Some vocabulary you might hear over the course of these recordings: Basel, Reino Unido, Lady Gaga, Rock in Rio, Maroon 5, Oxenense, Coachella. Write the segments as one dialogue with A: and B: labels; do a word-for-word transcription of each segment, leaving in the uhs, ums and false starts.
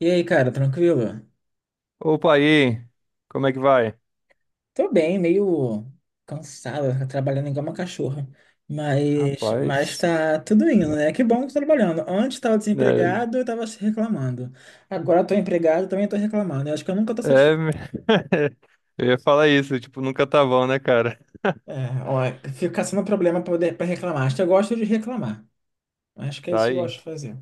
A: E aí, cara, tranquilo?
B: Opa aí, como é que vai?
A: Tô bem, meio cansado trabalhando igual uma cachorra. Mas, mas
B: Rapaz,
A: tá tudo indo, né? Que bom que tô trabalhando. Antes tava
B: é,
A: desempregado, eu tava reclamando. Agora tô empregado, também tô reclamando. Eu acho que eu nunca tô
B: é,
A: satisfeito.
B: eu ia falar isso, tipo, nunca tá bom, né, cara?
A: É, ó, fica sendo um problema pra, poder, pra reclamar. Acho que eu gosto de reclamar. Acho que é
B: Tá
A: isso que eu
B: aí.
A: gosto de fazer.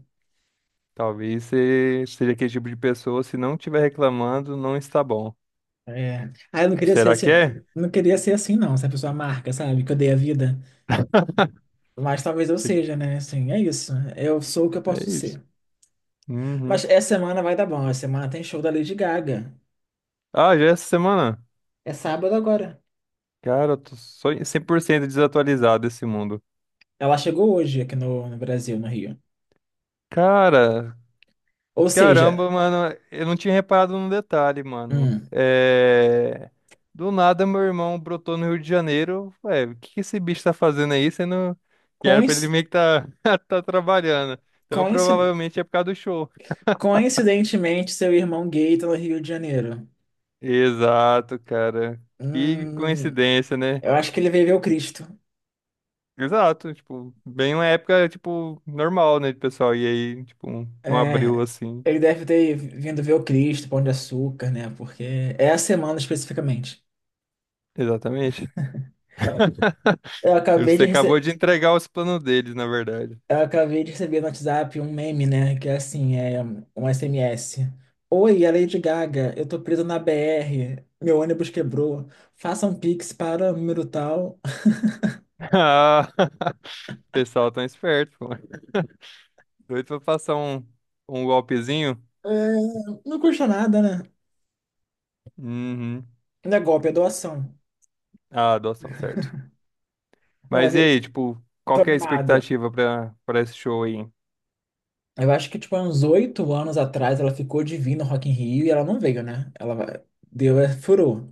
B: Talvez você seja aquele tipo de pessoa, se não estiver reclamando, não está bom.
A: É. Ah, eu não queria ser
B: Será
A: assim.
B: que é?
A: Não queria ser assim, não, essa pessoa marca, sabe? Que eu dei a vida. Mas talvez eu seja, né? Assim, é isso. Eu sou o que eu posso
B: É isso.
A: ser. Mas
B: Uhum.
A: essa semana vai dar bom. Essa semana tem show da Lady Gaga.
B: Ah, já é essa semana?
A: É sábado agora.
B: Cara, eu tô só em cem por cento desatualizado desse mundo.
A: Ela chegou hoje aqui no, no Brasil, no Rio.
B: Cara,
A: Ou
B: Caramba,
A: seja,
B: mano, eu não tinha reparado num detalhe, mano.
A: hum,
B: É... Do nada, meu irmão brotou no Rio de Janeiro. Ué, o que que esse bicho tá fazendo aí? Sendo que era pra ele
A: coinc-
B: meio que tá, tá trabalhando. Então,
A: coinci-
B: provavelmente é por causa do show.
A: coincidentemente, seu irmão gay tá no Rio de Janeiro.
B: Exato, cara. Que
A: Hum,
B: coincidência, né?
A: eu acho que ele veio ver o Cristo.
B: Exato, tipo, bem uma época, tipo, normal, né, de pessoal? E aí, tipo, um um abril
A: É,
B: assim.
A: ele deve ter vindo ver o Cristo, Pão de Açúcar, né? Porque é a semana especificamente.
B: Exatamente.
A: Eu acabei
B: Você
A: de
B: acabou
A: receber.
B: de entregar os planos deles, na verdade.
A: Eu acabei de receber no WhatsApp um meme, né? Que é assim, é um S M S. Oi, é Lady Gaga, eu tô preso na B R, meu ônibus quebrou, faça um Pix para o número tal.
B: Ah, o pessoal tão esperto, pô. Doido pra passar um, um golpezinho?
A: É, não custa nada, né?
B: Uhum.
A: Não é golpe, é doação.
B: Ah, adoção, certo.
A: Não, mas
B: Mas e
A: eu
B: aí, tipo, qual
A: tô
B: que é a
A: animado.
B: expectativa pra, pra esse show aí?
A: Eu acho que, tipo, há uns oito anos atrás ela ficou divina no Rock in Rio e ela não veio, né? Ela vai- deu, é, furou.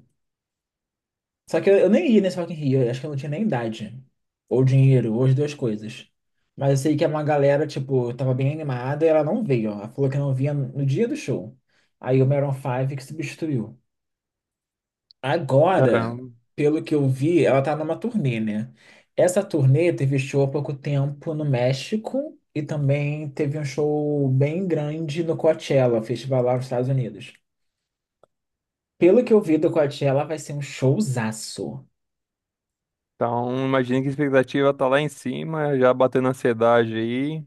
A: Só que eu, eu nem ia nesse Rock in Rio, eu acho que eu não tinha nem idade. Ou dinheiro, ou as duas coisas. Mas eu sei que uma galera, tipo, tava bem animada e ela não veio, ó. Ela falou que não vinha no dia do show. Aí o Maroon five que substituiu. Agora,
B: Caramba.
A: pelo que eu vi, ela tá numa turnê, né? Essa turnê teve show há pouco tempo no México e também teve um show bem grande no Coachella, festival lá nos Estados Unidos. Pelo que eu vi do Coachella, vai ser um showzaço.
B: Então, imagina que a expectativa tá lá em cima, já batendo ansiedade aí.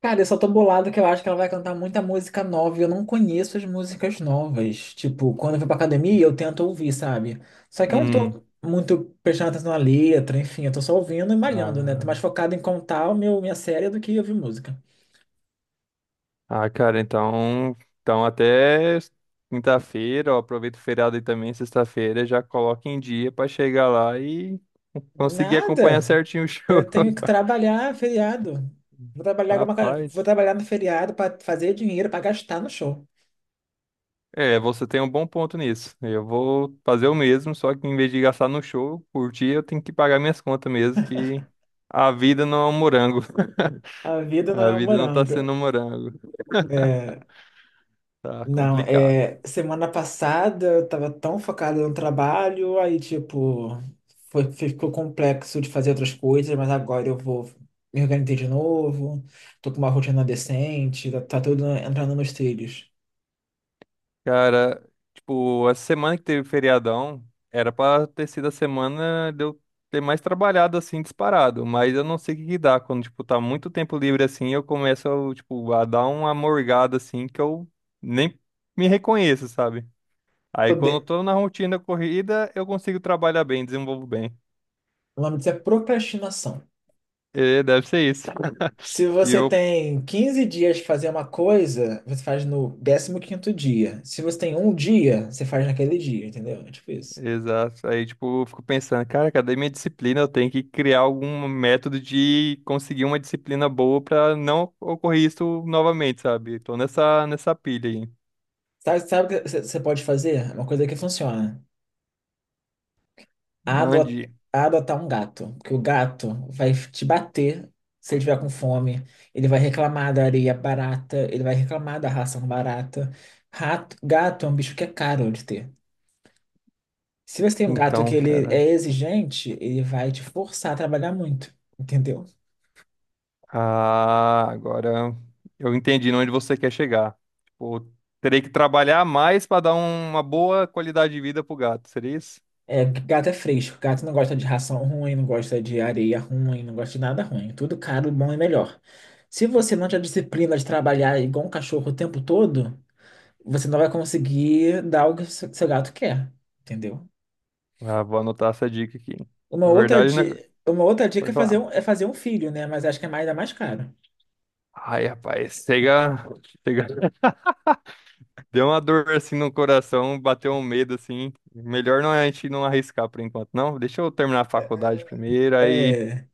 A: Cara, eu só tô bolado que eu acho que ela vai cantar muita música nova e eu não conheço as músicas novas. Tipo, quando eu vou pra academia, eu tento ouvir, sabe? Só que eu não
B: Uhum.
A: tô muito prestando atenção na letra, enfim, eu tô só ouvindo e malhando, né? Tô
B: Ah,
A: mais focado em contar o meu, minha série do que ouvir música.
B: ah, cara, então, então até quinta-feira, ó, aproveita o feriado aí também, sexta-feira, já coloca em dia pra chegar lá e conseguir acompanhar
A: Nada!
B: certinho o show.
A: Eu tenho que trabalhar feriado. Vou trabalhar, com uma ca- vou
B: Rapaz.
A: trabalhar no feriado pra fazer dinheiro, pra gastar no show.
B: É, você tem um bom ponto nisso. Eu vou fazer o mesmo, só que em vez de gastar no show, curtir, eu tenho que pagar minhas contas mesmo, que a vida não é um morango.
A: A vida não
B: A
A: é um
B: vida não tá
A: morango.
B: sendo um morango.
A: É.
B: Tá
A: Não,
B: complicada.
A: é, semana passada eu tava tão focada no trabalho, aí tipo, foi, ficou complexo de fazer outras coisas, mas agora eu vou me organizar de novo, tô com uma rotina decente, tá, tá tudo entrando nos trilhos.
B: Cara, tipo, essa semana que teve feriadão, era pra ter sido a semana de eu ter mais trabalhado assim, disparado. Mas eu não sei o que que dá. Quando, tipo, tá muito tempo livre assim, eu começo, tipo, a dar uma morgada assim que eu nem me reconheço, sabe? Aí quando eu
A: Poder,
B: tô na rotina corrida, eu consigo trabalhar bem, desenvolvo bem.
A: o nome disso é procrastinação.
B: É, deve ser isso.
A: Se
B: E
A: você
B: eu,
A: tem quinze dias de fazer uma coisa, você faz no décimo quinto dia. Se você tem um dia, você faz naquele dia, entendeu? É tipo isso.
B: exato. Aí, tipo, eu fico pensando, cara, cadê minha disciplina? Eu tenho que criar algum método de conseguir uma disciplina boa pra não ocorrer isso novamente, sabe? Tô nessa, nessa pilha aí.
A: Sabe, sabe o que você você pode fazer? É uma coisa que funciona. a ado-
B: Mande.
A: a adotar um gato, porque o gato vai te bater se ele estiver com fome, ele vai reclamar da areia barata, ele vai reclamar da ração barata. Rato, gato é um bicho que é caro de ter. Se você tem um gato que
B: Então,
A: ele
B: cara.
A: é exigente, ele vai te forçar a trabalhar muito, entendeu?
B: Ah, agora eu entendi onde você quer chegar. Tipo, terei que trabalhar mais pra dar uma boa qualidade de vida pro gato. Seria isso?
A: É, gato é fresco, gato não gosta de ração ruim, não gosta de areia ruim, não gosta de nada ruim. Tudo caro, bom e melhor. Se você não tiver disciplina de trabalhar igual um cachorro o tempo todo, você não vai conseguir dar o que seu seu gato quer, entendeu?
B: Ah, vou anotar essa dica aqui.
A: Uma
B: Na
A: outra,
B: verdade, né?
A: di- uma outra dica
B: Pode
A: é fazer
B: falar.
A: um, é fazer um filho, né? Mas acho que é mais, ainda mais caro.
B: Ai, rapaz, chega, chega. Deu uma dor assim no coração, bateu um medo assim. Melhor não é a gente não arriscar por enquanto, não. Deixa eu terminar a faculdade primeiro, aí,
A: É,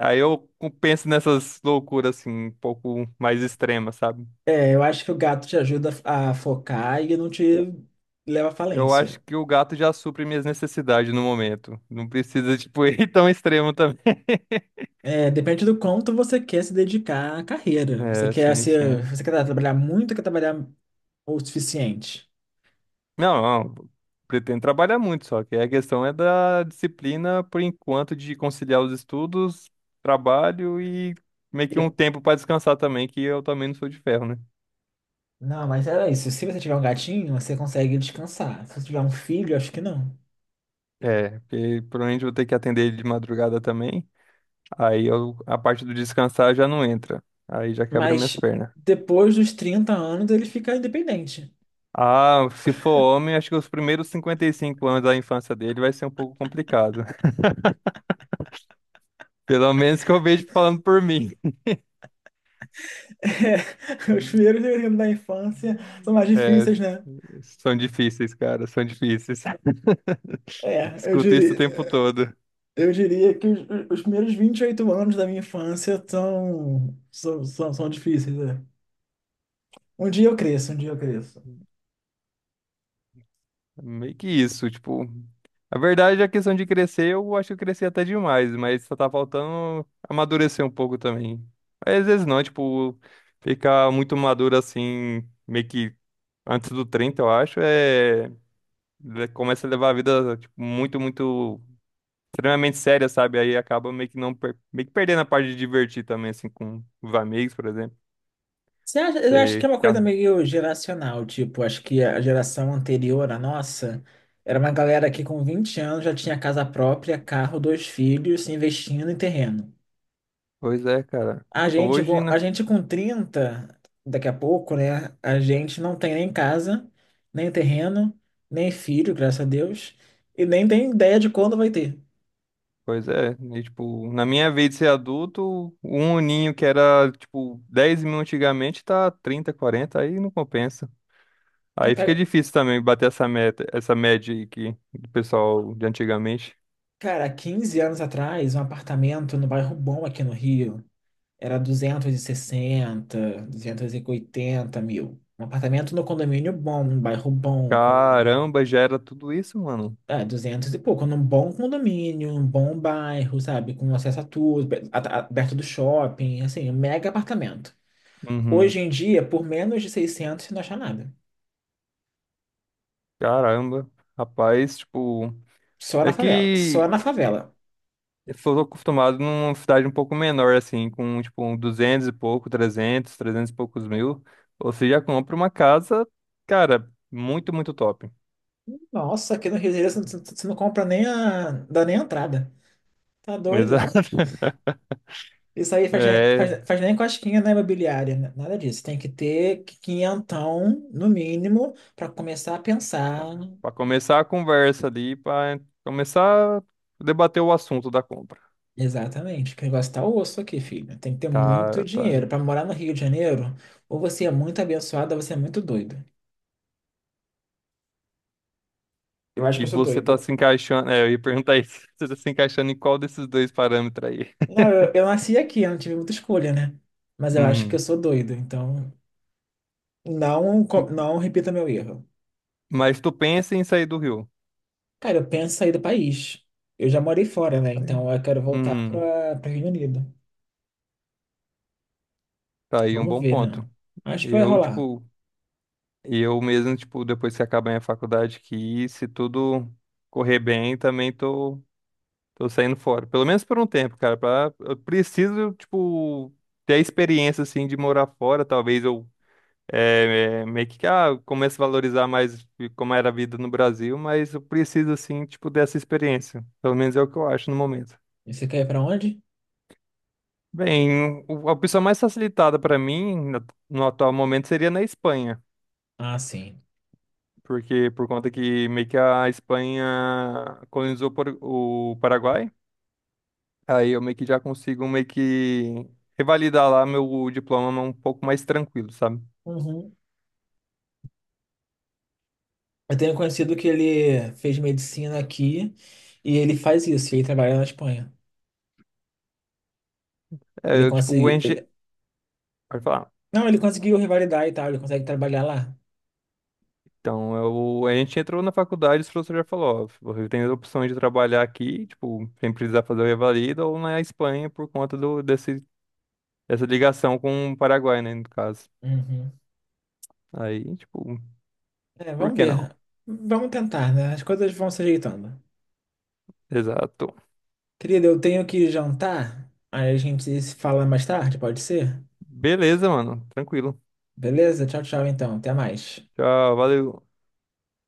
B: aí eu penso nessas loucuras assim, um pouco mais extremas, sabe?
A: é, eu acho que o gato te ajuda a focar e não
B: Eu
A: te leva à
B: eu acho
A: falência.
B: que o gato já supre minhas necessidades no momento. Não precisa, tipo, ir tão extremo também.
A: É, depende do quanto você quer se dedicar à carreira. Você
B: É,
A: quer
B: sim,
A: ser,
B: sim.
A: você quer trabalhar muito, ou quer trabalhar o suficiente.
B: Não, não, pretendo trabalhar muito, só que a questão é da disciplina, por enquanto, de conciliar os estudos, trabalho e meio que um
A: Eu-
B: tempo para descansar também, que eu também não sou de ferro, né?
A: Não, mas é isso. Se você tiver um gatinho, você consegue descansar. Se você tiver um filho, acho que não.
B: É, porque provavelmente eu vou ter que atender ele de madrugada também, aí eu- a parte do descansar já não entra, aí já quebra minhas
A: Mas
B: pernas.
A: depois dos trinta anos ele fica independente.
B: Ah, se for homem, acho que os primeiros cinquenta e cinco anos da infância dele vai ser um pouco complicado. Pelo menos que eu vejo falando por mim.
A: É, os primeiros períodos da infância são mais
B: É,
A: difíceis, né?
B: são difíceis, cara, são difíceis.
A: É, eu
B: Escuto isso o
A: diria,
B: tempo todo.
A: eu diria que os, os primeiros vinte e oito anos da minha infância são, são, são, são difíceis, é. Um dia eu cresço, um dia eu cresço.
B: Meio que isso, tipo. A verdade é a questão de crescer, eu acho que eu cresci até demais, mas só tá faltando amadurecer um pouco também. Mas às vezes não, tipo, ficar muito maduro assim, meio que antes do trinta, eu acho, é. le- Começa a levar a vida, tipo, muito, muito. Extremamente séria, sabe? Aí acaba meio que não per- meio que perdendo a parte de divertir também, assim, com os amigos, por exemplo.
A: Você acha, eu acho que é
B: Sei,
A: uma coisa
B: cara.
A: meio geracional, tipo, acho que a geração anterior à nossa era uma galera que com vinte anos já tinha casa própria, carro, dois filhos, investindo em terreno.
B: Pois é, cara.
A: A gente,
B: Hoje,
A: com- a
B: né?
A: gente com trinta daqui a pouco, né? A gente não tem nem casa, nem terreno, nem filho, graças a Deus, e nem tem ideia de quando vai ter.
B: Pois é. E, tipo, na minha vez de ser adulto, um uninho que era, tipo, dez mil antigamente tá trinta quarenta aí não compensa.
A: Mas
B: Aí fica
A: pega-
B: difícil também bater essa meta, essa média aí que do pessoal de antigamente.
A: cara, quinze anos atrás, um apartamento no bairro bom aqui no Rio era duzentos duzentos e sessenta duzentos e oitenta mil. Um apartamento no condomínio bom, um bairro bom, com
B: Caramba, já era tudo isso, mano.
A: é, duzentos e pouco, num bom condomínio, num bom bairro, sabe? Com acesso a tudo, be- a- a- perto do shopping, assim, um mega apartamento.
B: Uhum.
A: Hoje em dia, por menos de seiscentos você não acha nada.
B: Caramba. Rapaz, tipo,
A: Só
B: é
A: na favela, só
B: que.
A: na favela.
B: Eu sou acostumado numa cidade um pouco menor, assim, com tipo um duzentos e pouco, trezentos, trezentos e poucos mil. Você já compra uma casa, cara, muito, muito top.
A: Nossa, aqui no Rio de Janeiro você não você não compra nem a, dá nem a entrada. Tá doido?
B: Exato.
A: Isso aí faz, nem- faz,
B: É,
A: faz nem cosquinha na imobiliária, né? Nada disso. Tem que ter quinhentão, no mínimo, para começar a pensar.
B: para começar a conversa ali, para começar a debater o assunto da compra.
A: Exatamente, que o negócio tá osso aqui, filho. Tem que ter muito
B: Tá, tá.
A: dinheiro. Pra morar no Rio de Janeiro, ou você é muito abençoado, ou você é muito doido. Eu acho que
B: E
A: eu sou
B: você tá
A: doido.
B: se encaixando, é, eu ia perguntar isso, você tá se encaixando em qual desses dois parâmetros aí?
A: Não, eu, eu nasci aqui, eu não tive muita escolha, né? Mas eu acho que eu
B: Uhum.
A: sou doido, então não, co- não repita meu erro.
B: Mas tu pensa em sair do Rio.
A: Cara, eu penso em sair do país. Eu já morei fora, né?
B: Tá
A: Então
B: aí.
A: eu quero voltar
B: Uhum.
A: para para Reino Unido.
B: Tá aí um
A: Vamos
B: bom
A: ver, né?
B: ponto.
A: Acho
B: E
A: que vai
B: eu,
A: rolar.
B: tipo, e eu mesmo, tipo, depois que acabar minha faculdade aqui, se tudo correr bem, também tô, tô saindo fora. Pelo menos por um tempo, cara. Pra, eu preciso, tipo, ter a experiência, assim, de morar fora. Talvez eu é, é, meio que, ah, comece a valorizar mais como era a vida no Brasil, mas eu preciso, assim, tipo, dessa experiência. Pelo menos é o que eu acho no momento.
A: E você quer ir pra onde?
B: Bem, o- a opção mais facilitada para mim, no no atual momento, seria na Espanha.
A: Ah, sim.
B: Porque por conta que meio que a Espanha colonizou por- o Paraguai, aí eu meio que já consigo meio que revalidar lá meu diploma um pouco mais tranquilo, sabe?
A: Eu tenho conhecido que ele fez medicina aqui e ele faz isso, ele trabalha na Espanha.
B: É,
A: Ele
B: eu, tipo, enche...
A: conseguiu.
B: Pode falar.
A: Não, ele conseguiu revalidar e tal, ele consegue trabalhar lá.
B: Então, eu, a gente entrou na faculdade, o professor já falou, ó, você tem as opções de trabalhar aqui, tipo, sem precisar fazer o revalida, ou na Espanha por conta do, desse, dessa ligação com o Paraguai, né, no caso.
A: Uhum.
B: Aí, tipo,
A: É,
B: por
A: vamos
B: que não?
A: ver. Vamos tentar, né? As coisas vão se ajeitando.
B: Exato.
A: Querida, eu tenho que jantar. Aí a gente se fala mais tarde, pode ser?
B: Beleza, mano. Tranquilo.
A: Beleza? Tchau, tchau, então. Até mais.
B: Tchau, valeu.